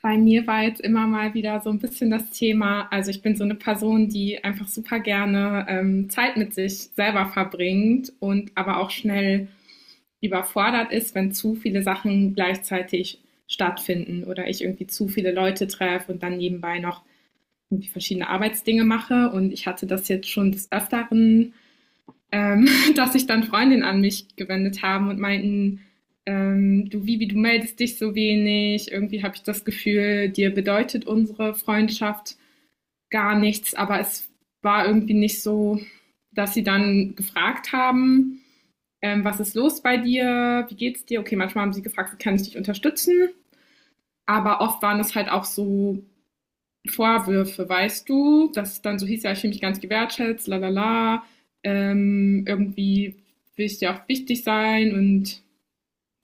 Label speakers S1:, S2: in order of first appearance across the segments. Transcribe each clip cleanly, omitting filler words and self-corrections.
S1: Bei mir war jetzt immer mal wieder so ein bisschen das Thema, also ich bin so eine Person, die einfach super gerne Zeit mit sich selber verbringt und aber auch schnell überfordert ist, wenn zu viele Sachen gleichzeitig stattfinden oder ich irgendwie zu viele Leute treffe und dann nebenbei noch irgendwie verschiedene Arbeitsdinge mache. Und ich hatte das jetzt schon des Öfteren, ähm, dass sich dann Freundinnen an mich gewendet haben und meinten, du Vivi, du meldest dich so wenig, irgendwie habe ich das Gefühl, dir bedeutet unsere Freundschaft gar nichts, aber es war irgendwie nicht so, dass sie dann gefragt haben, was ist los bei dir, wie geht's dir? Okay, manchmal haben sie gefragt, kann ich dich unterstützen? Aber oft waren es halt auch so Vorwürfe, weißt du, dass es dann so hieß, ja, ich fühle mich ganz gewertschätzt, lalala, irgendwie will ich dir auch wichtig sein. Und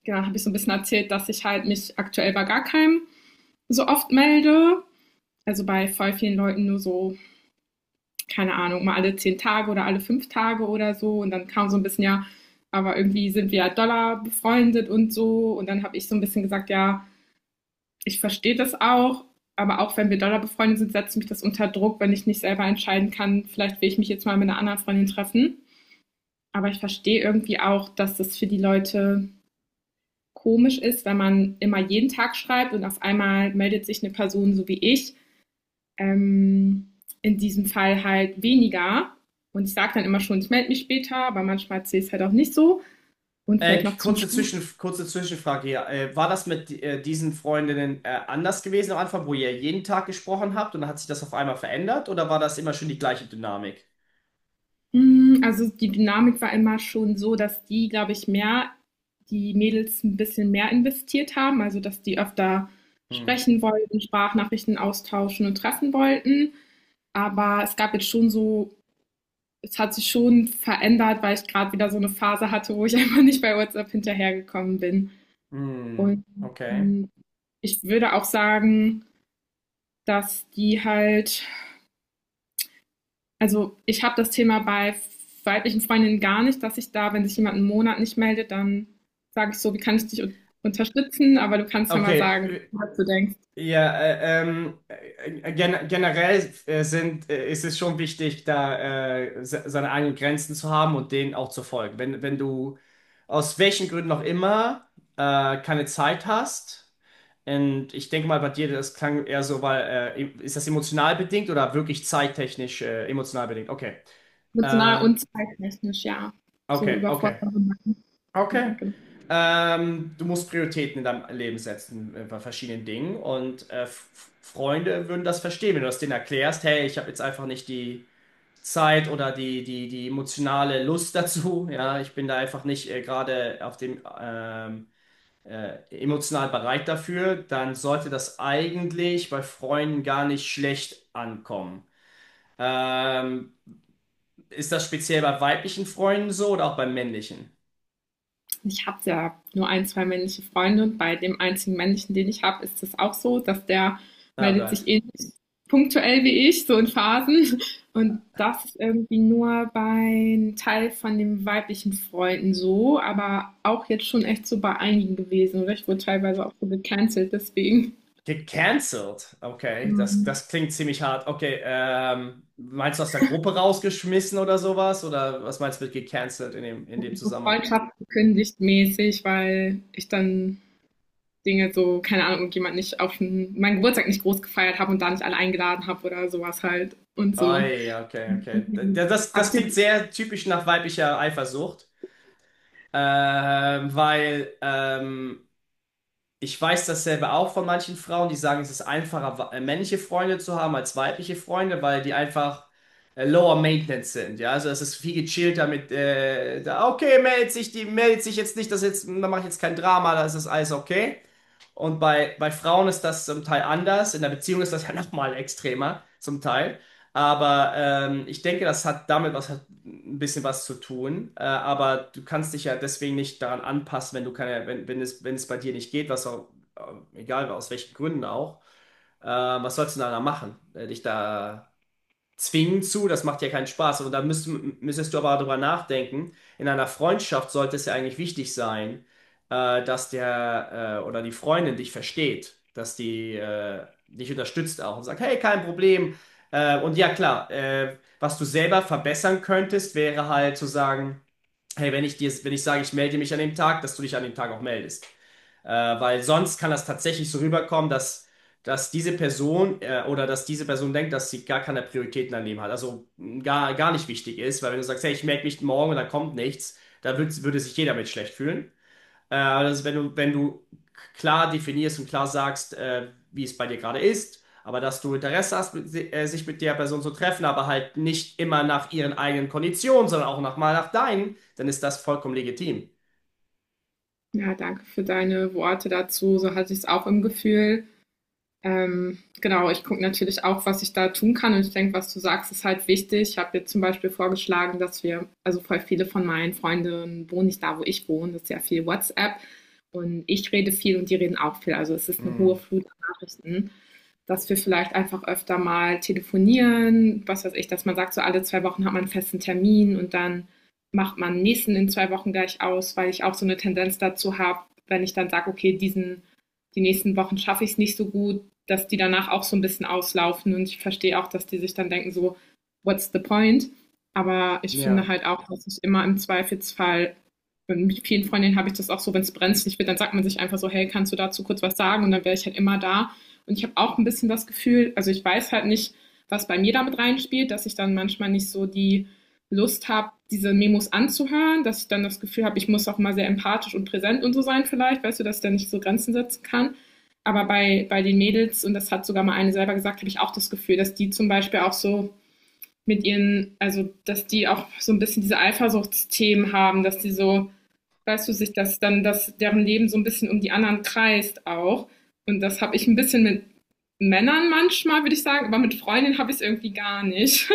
S1: genau, habe ich so ein bisschen erzählt, dass ich halt mich aktuell bei gar keinem so oft melde. Also bei voll vielen Leuten nur so, keine Ahnung, mal alle 10 Tage oder alle 5 Tage oder so. Und dann kam so ein bisschen, ja, aber irgendwie sind wir ja Dollar befreundet und so. Und dann habe ich so ein bisschen gesagt, ja, ich verstehe das auch, aber auch wenn wir doller befreundet sind, setzt mich das unter Druck, wenn ich nicht selber entscheiden kann, vielleicht will ich mich jetzt mal mit einer anderen Freundin treffen. Aber ich verstehe irgendwie auch, dass das für die Leute komisch ist, wenn man immer jeden Tag schreibt und auf einmal meldet sich eine Person so wie ich, ähm, in diesem Fall halt weniger. Und ich sage dann immer schon, ich melde mich später, aber manchmal sehe ich es halt auch nicht so. Und vielleicht noch zum Schluss.
S2: Kurze Zwischenfrage hier. War das mit diesen Freundinnen anders gewesen am Anfang, wo ihr jeden Tag gesprochen habt und dann hat sich das auf einmal verändert oder war das immer schon die gleiche Dynamik?
S1: Hm, also die Dynamik war immer schon so, dass die, glaube ich, mehr die Mädels ein bisschen mehr investiert haben, also, dass die öfter
S2: Hm.
S1: sprechen wollten, Sprachnachrichten austauschen und treffen wollten. Aber es gab jetzt schon so, es hat sich schon verändert, weil ich gerade wieder so eine Phase hatte, wo ich einfach nicht bei WhatsApp hinterhergekommen bin.
S2: Hm.
S1: Und,
S2: Okay.
S1: hm, ich würde auch sagen, dass die halt. Also ich habe das Thema bei weiblichen Freundinnen gar nicht, dass ich da, wenn sich jemand einen Monat nicht meldet, dann sage ich so, wie kann ich dich un unterstützen? Aber du kannst ja mal
S2: Okay.
S1: sagen, was du denkst.
S2: Ja, generell ist es schon wichtig, da se seine eigenen Grenzen zu haben und denen auch zu folgen. Wenn du aus welchen Gründen auch immer keine Zeit hast, und ich denke mal bei dir, das klang eher so, weil ist das emotional bedingt oder wirklich zeittechnisch emotional bedingt? Okay.
S1: Emotional
S2: Äh,
S1: und zeittechnisch, ja. So
S2: okay, okay.
S1: überfordert. Ja,
S2: Okay.
S1: genau.
S2: Du musst Prioritäten in deinem Leben setzen bei verschiedenen Dingen und F Freunde würden das verstehen, wenn du das denen erklärst. Hey, ich habe jetzt einfach nicht die Zeit oder die emotionale Lust dazu. Ja, ich bin da einfach nicht gerade auf dem emotional bereit dafür, dann sollte das eigentlich bei Freunden gar nicht schlecht ankommen. Ähm, ist das speziell bei weiblichen Freunden so oder auch bei männlichen?
S1: Ich habe ja nur ein, zwei männliche Freunde, und bei dem einzigen männlichen, den ich habe, ist das auch so, dass der
S2: Oh
S1: meldet sich
S2: Gott.
S1: ähnlich punktuell wie ich, so in Phasen. Und das ist irgendwie nur bei einem Teil von den weiblichen Freunden so, aber auch jetzt schon echt so bei einigen gewesen. Oder ich wurde teilweise auch so gecancelt, deswegen.
S2: Gecancelt? Okay,
S1: Mhm.
S2: das klingt ziemlich hart. Okay, meinst du aus der Gruppe rausgeschmissen oder sowas? Oder was meinst du mit gecancelt in in dem
S1: So
S2: Zusammenhang?
S1: Freundschaft gekündigt mäßig, weil ich dann Dinge so, keine Ahnung, und jemand nicht auf meinen Geburtstag nicht groß gefeiert habe und da nicht alle eingeladen habe oder sowas halt und
S2: Ah,
S1: so.
S2: ja, okay, okay. Das klingt sehr typisch nach weiblicher Eifersucht. Weil ich weiß dasselbe auch von manchen Frauen, die sagen, es ist einfacher, männliche Freunde zu haben als weibliche Freunde, weil die einfach lower maintenance sind. Ja, also es ist viel gechillter mit, da, okay, die meldet sich jetzt nicht, da mache ich jetzt kein Drama, das ist alles okay. Und bei Frauen ist das zum Teil anders. In der Beziehung ist das ja nochmal extremer, zum Teil. Aber ich denke, das hat damit was, hat ein bisschen was zu tun. Aber du kannst dich ja deswegen nicht daran anpassen, wenn du keine, wenn es bei dir nicht geht, was auch, egal aus welchen Gründen auch, was sollst du denn da machen? Dich da zwingen zu, das macht ja keinen Spaß. Und da müsstest du aber darüber nachdenken. In einer Freundschaft sollte es ja eigentlich wichtig sein, dass der oder die Freundin dich versteht, dass die dich unterstützt auch und sagt, hey, kein Problem. Und ja, klar, was du selber verbessern könntest, wäre halt zu sagen, hey, wenn ich sage, ich melde mich an dem Tag, dass du dich an dem Tag auch meldest. Äh, weil sonst kann das tatsächlich so rüberkommen, dass diese Person oder dass diese Person denkt, dass sie gar keine Prioritäten im Leben hat, also mh, gar nicht wichtig ist, weil wenn du sagst, hey, ich melde mich morgen und da kommt nichts, da würde sich jeder mit schlecht fühlen. Also wenn du klar definierst und klar sagst, wie es bei dir gerade ist, aber dass du Interesse hast, sich mit der Person zu treffen, aber halt nicht immer nach ihren eigenen Konditionen, sondern auch mal nach deinen, dann ist das vollkommen legitim.
S1: Ja, danke für deine Worte dazu. So hatte ich es auch im Gefühl. Genau, ich gucke natürlich auch, was ich da tun kann und ich denke, was du sagst, ist halt wichtig. Ich habe jetzt zum Beispiel vorgeschlagen, dass wir, also voll viele von meinen Freunden wohnen nicht da, wo ich wohne, das ist ja viel WhatsApp und ich rede viel und die reden auch viel. Also es ist eine
S2: Hm.
S1: hohe Flut an Nachrichten, dass wir vielleicht einfach öfter mal telefonieren, was weiß ich, dass man sagt, so alle 2 Wochen hat man einen festen Termin und dann macht man den nächsten in 2 Wochen gleich aus, weil ich auch so eine Tendenz dazu habe, wenn ich dann sage, okay, die nächsten Wochen schaffe ich es nicht so gut, dass die danach auch so ein bisschen auslaufen und ich verstehe auch, dass die sich dann denken, so, what's the point? Aber ich finde
S2: Ja,
S1: halt auch, dass ich immer im Zweifelsfall, mit vielen Freundinnen habe ich das auch so, wenn es brenzlig wird, dann sagt man sich einfach so, hey, kannst du dazu kurz was sagen? Und dann wäre ich halt immer da. Und ich habe auch ein bisschen das Gefühl, also ich weiß halt nicht, was bei mir damit reinspielt, dass ich dann manchmal nicht so die Lust habe, diese Memos anzuhören, dass ich dann das Gefühl habe, ich muss auch mal sehr empathisch und präsent und so sein vielleicht, weißt du, dass ich dann nicht so Grenzen setzen kann. Aber bei den Mädels, und das hat sogar mal eine selber gesagt, habe ich auch das Gefühl, dass die zum Beispiel auch so mit ihren, also dass die auch so ein bisschen diese Eifersuchtsthemen haben, dass die so, weißt du, sich das dann, dass deren Leben so ein bisschen um die anderen kreist auch. Und das habe ich ein bisschen mit Männern manchmal, würde ich sagen, aber mit Freundinnen habe ich es irgendwie gar nicht.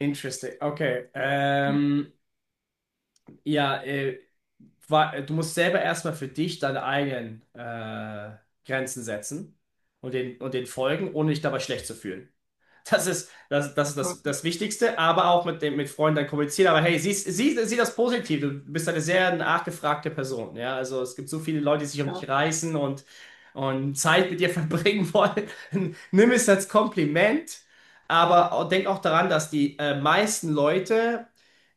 S2: interesting. Okay. Ja, du musst selber erstmal für dich deine eigenen Grenzen setzen und den folgen, ohne dich dabei schlecht zu fühlen. Das ist das Wichtigste, aber auch mit Freunden dann kommunizieren. Aber hey, sieh das positiv. Du bist eine sehr nachgefragte Person. Ja? Also es gibt so viele Leute, die sich um dich reißen und Zeit mit dir verbringen wollen. Nimm es als Kompliment, aber auch- denk auch daran, dass die meisten Leute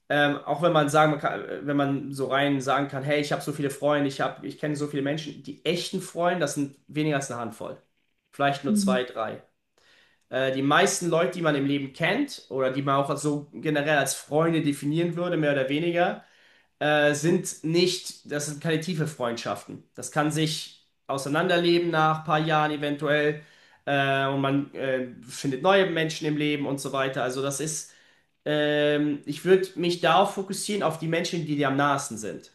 S2: auch wenn man sagen man kann, wenn man so rein sagen kann, hey, ich habe so viele Freunde, ich kenne so viele Menschen, die echten Freunde, das sind weniger als eine Handvoll. Vielleicht nur zwei, drei. Die meisten Leute, die man im Leben kennt oder die man auch so generell als Freunde definieren würde, mehr oder weniger, sind nicht, das sind keine tiefe Freundschaften. Das kann sich auseinanderleben nach ein paar Jahren eventuell und man findet neue Menschen im Leben und so weiter. Ich würde mich darauf fokussieren, auf die Menschen, die dir am nahesten sind.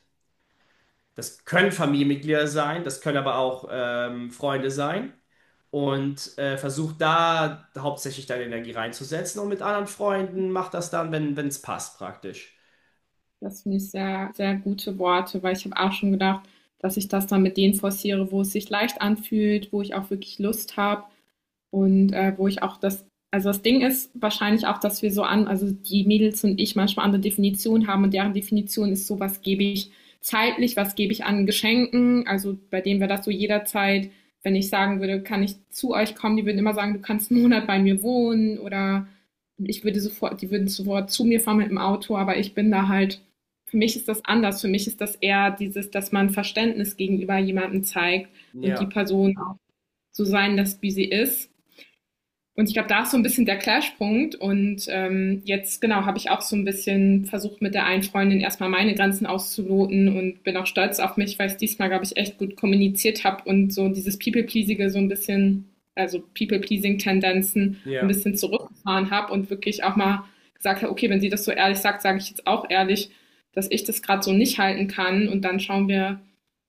S2: Das können Familienmitglieder sein, das können aber auch Freunde sein. Und versuch da hauptsächlich deine Energie reinzusetzen und mit anderen Freunden mach das dann, wenn es passt, praktisch.
S1: Das finde ich sehr, sehr gute Worte, weil ich habe auch schon gedacht, dass ich das dann mit denen forciere, wo es sich leicht anfühlt, wo ich auch wirklich Lust habe. Und wo ich auch das, also das Ding ist wahrscheinlich auch, dass wir so an, also die Mädels und ich manchmal andere Definitionen haben und deren Definition ist so, was gebe ich zeitlich, was gebe ich an Geschenken, also bei denen wäre das so jederzeit, wenn ich sagen würde, kann ich zu euch kommen, die würden immer sagen, du kannst einen Monat bei mir wohnen, oder ich würde sofort, die würden sofort zu mir fahren mit dem Auto, aber ich bin da halt, für mich ist das anders, für mich ist das eher dieses, dass man Verständnis gegenüber jemandem zeigt und die
S2: Ja,
S1: Person auch so sein lässt, wie sie ist, und ich glaube, da ist so ein bisschen der Clashpunkt. Und jetzt, genau, habe ich auch so ein bisschen versucht, mit der einen Freundin erstmal meine Grenzen auszuloten und bin auch stolz auf mich, weil ich diesmal, glaube ich, echt gut kommuniziert habe und so dieses People-Pleasige so ein bisschen, also People-Pleasing-Tendenzen ein
S2: ja.
S1: bisschen zurückgefahren habe und wirklich auch mal gesagt habe, okay, wenn sie das so ehrlich sagt, sage ich jetzt auch ehrlich, dass ich das gerade so nicht halten kann. Und dann schauen wir,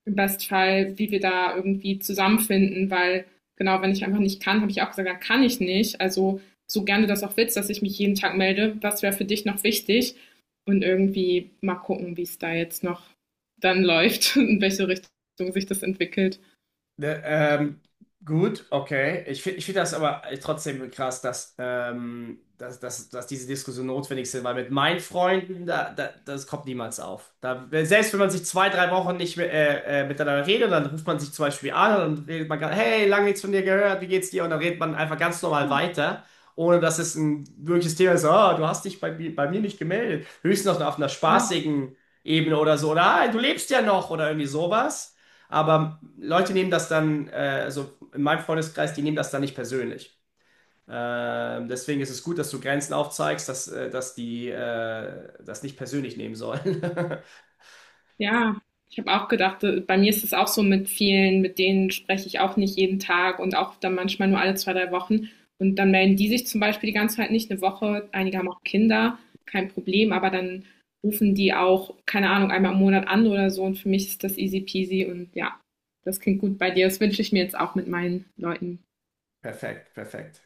S1: im Bestfall, wie wir da irgendwie zusammenfinden, weil genau, wenn ich einfach nicht kann, habe ich auch gesagt, da kann ich nicht. Also so gerne das auch willst, dass ich mich jeden Tag melde, was wäre für dich noch wichtig? Und irgendwie mal gucken, wie es da jetzt noch dann läuft, in welche Richtung sich das entwickelt.
S2: Ne, gut, okay. Ich find das aber trotzdem krass, dass diese Diskussion notwendig sind, weil mit meinen Freunden, das kommt niemals auf. Da, selbst wenn man sich zwei, drei Wochen nicht mehr, miteinander redet, dann ruft man sich zum Beispiel an und dann redet man gerade, hey, lange nichts von dir gehört, wie geht's dir? Und dann redet man einfach ganz normal weiter, ohne dass es ein wirkliches Thema ist, oh, du hast dich bei mir nicht gemeldet. Höchstens noch auf einer
S1: Ja,
S2: spaßigen Ebene oder so, oder ah, du lebst ja noch oder irgendwie sowas. Aber Leute nehmen das dann, also in meinem Freundeskreis, die nehmen das dann nicht persönlich. Deswegen ist es gut, dass du Grenzen aufzeigst, dass die das nicht persönlich nehmen sollen.
S1: ja, ich habe auch gedacht, bei mir ist es auch so mit vielen, mit denen spreche ich auch nicht jeden Tag und auch dann manchmal nur alle zwei, drei Wochen. Und dann melden die sich zum Beispiel die ganze Zeit nicht, eine Woche. Einige haben auch Kinder, kein Problem, aber dann rufen die auch, keine Ahnung, einmal im Monat an oder so. Und für mich ist das easy peasy und ja, das klingt gut bei dir. Das wünsche ich mir jetzt auch mit meinen Leuten.
S2: Perfekt, perfekt.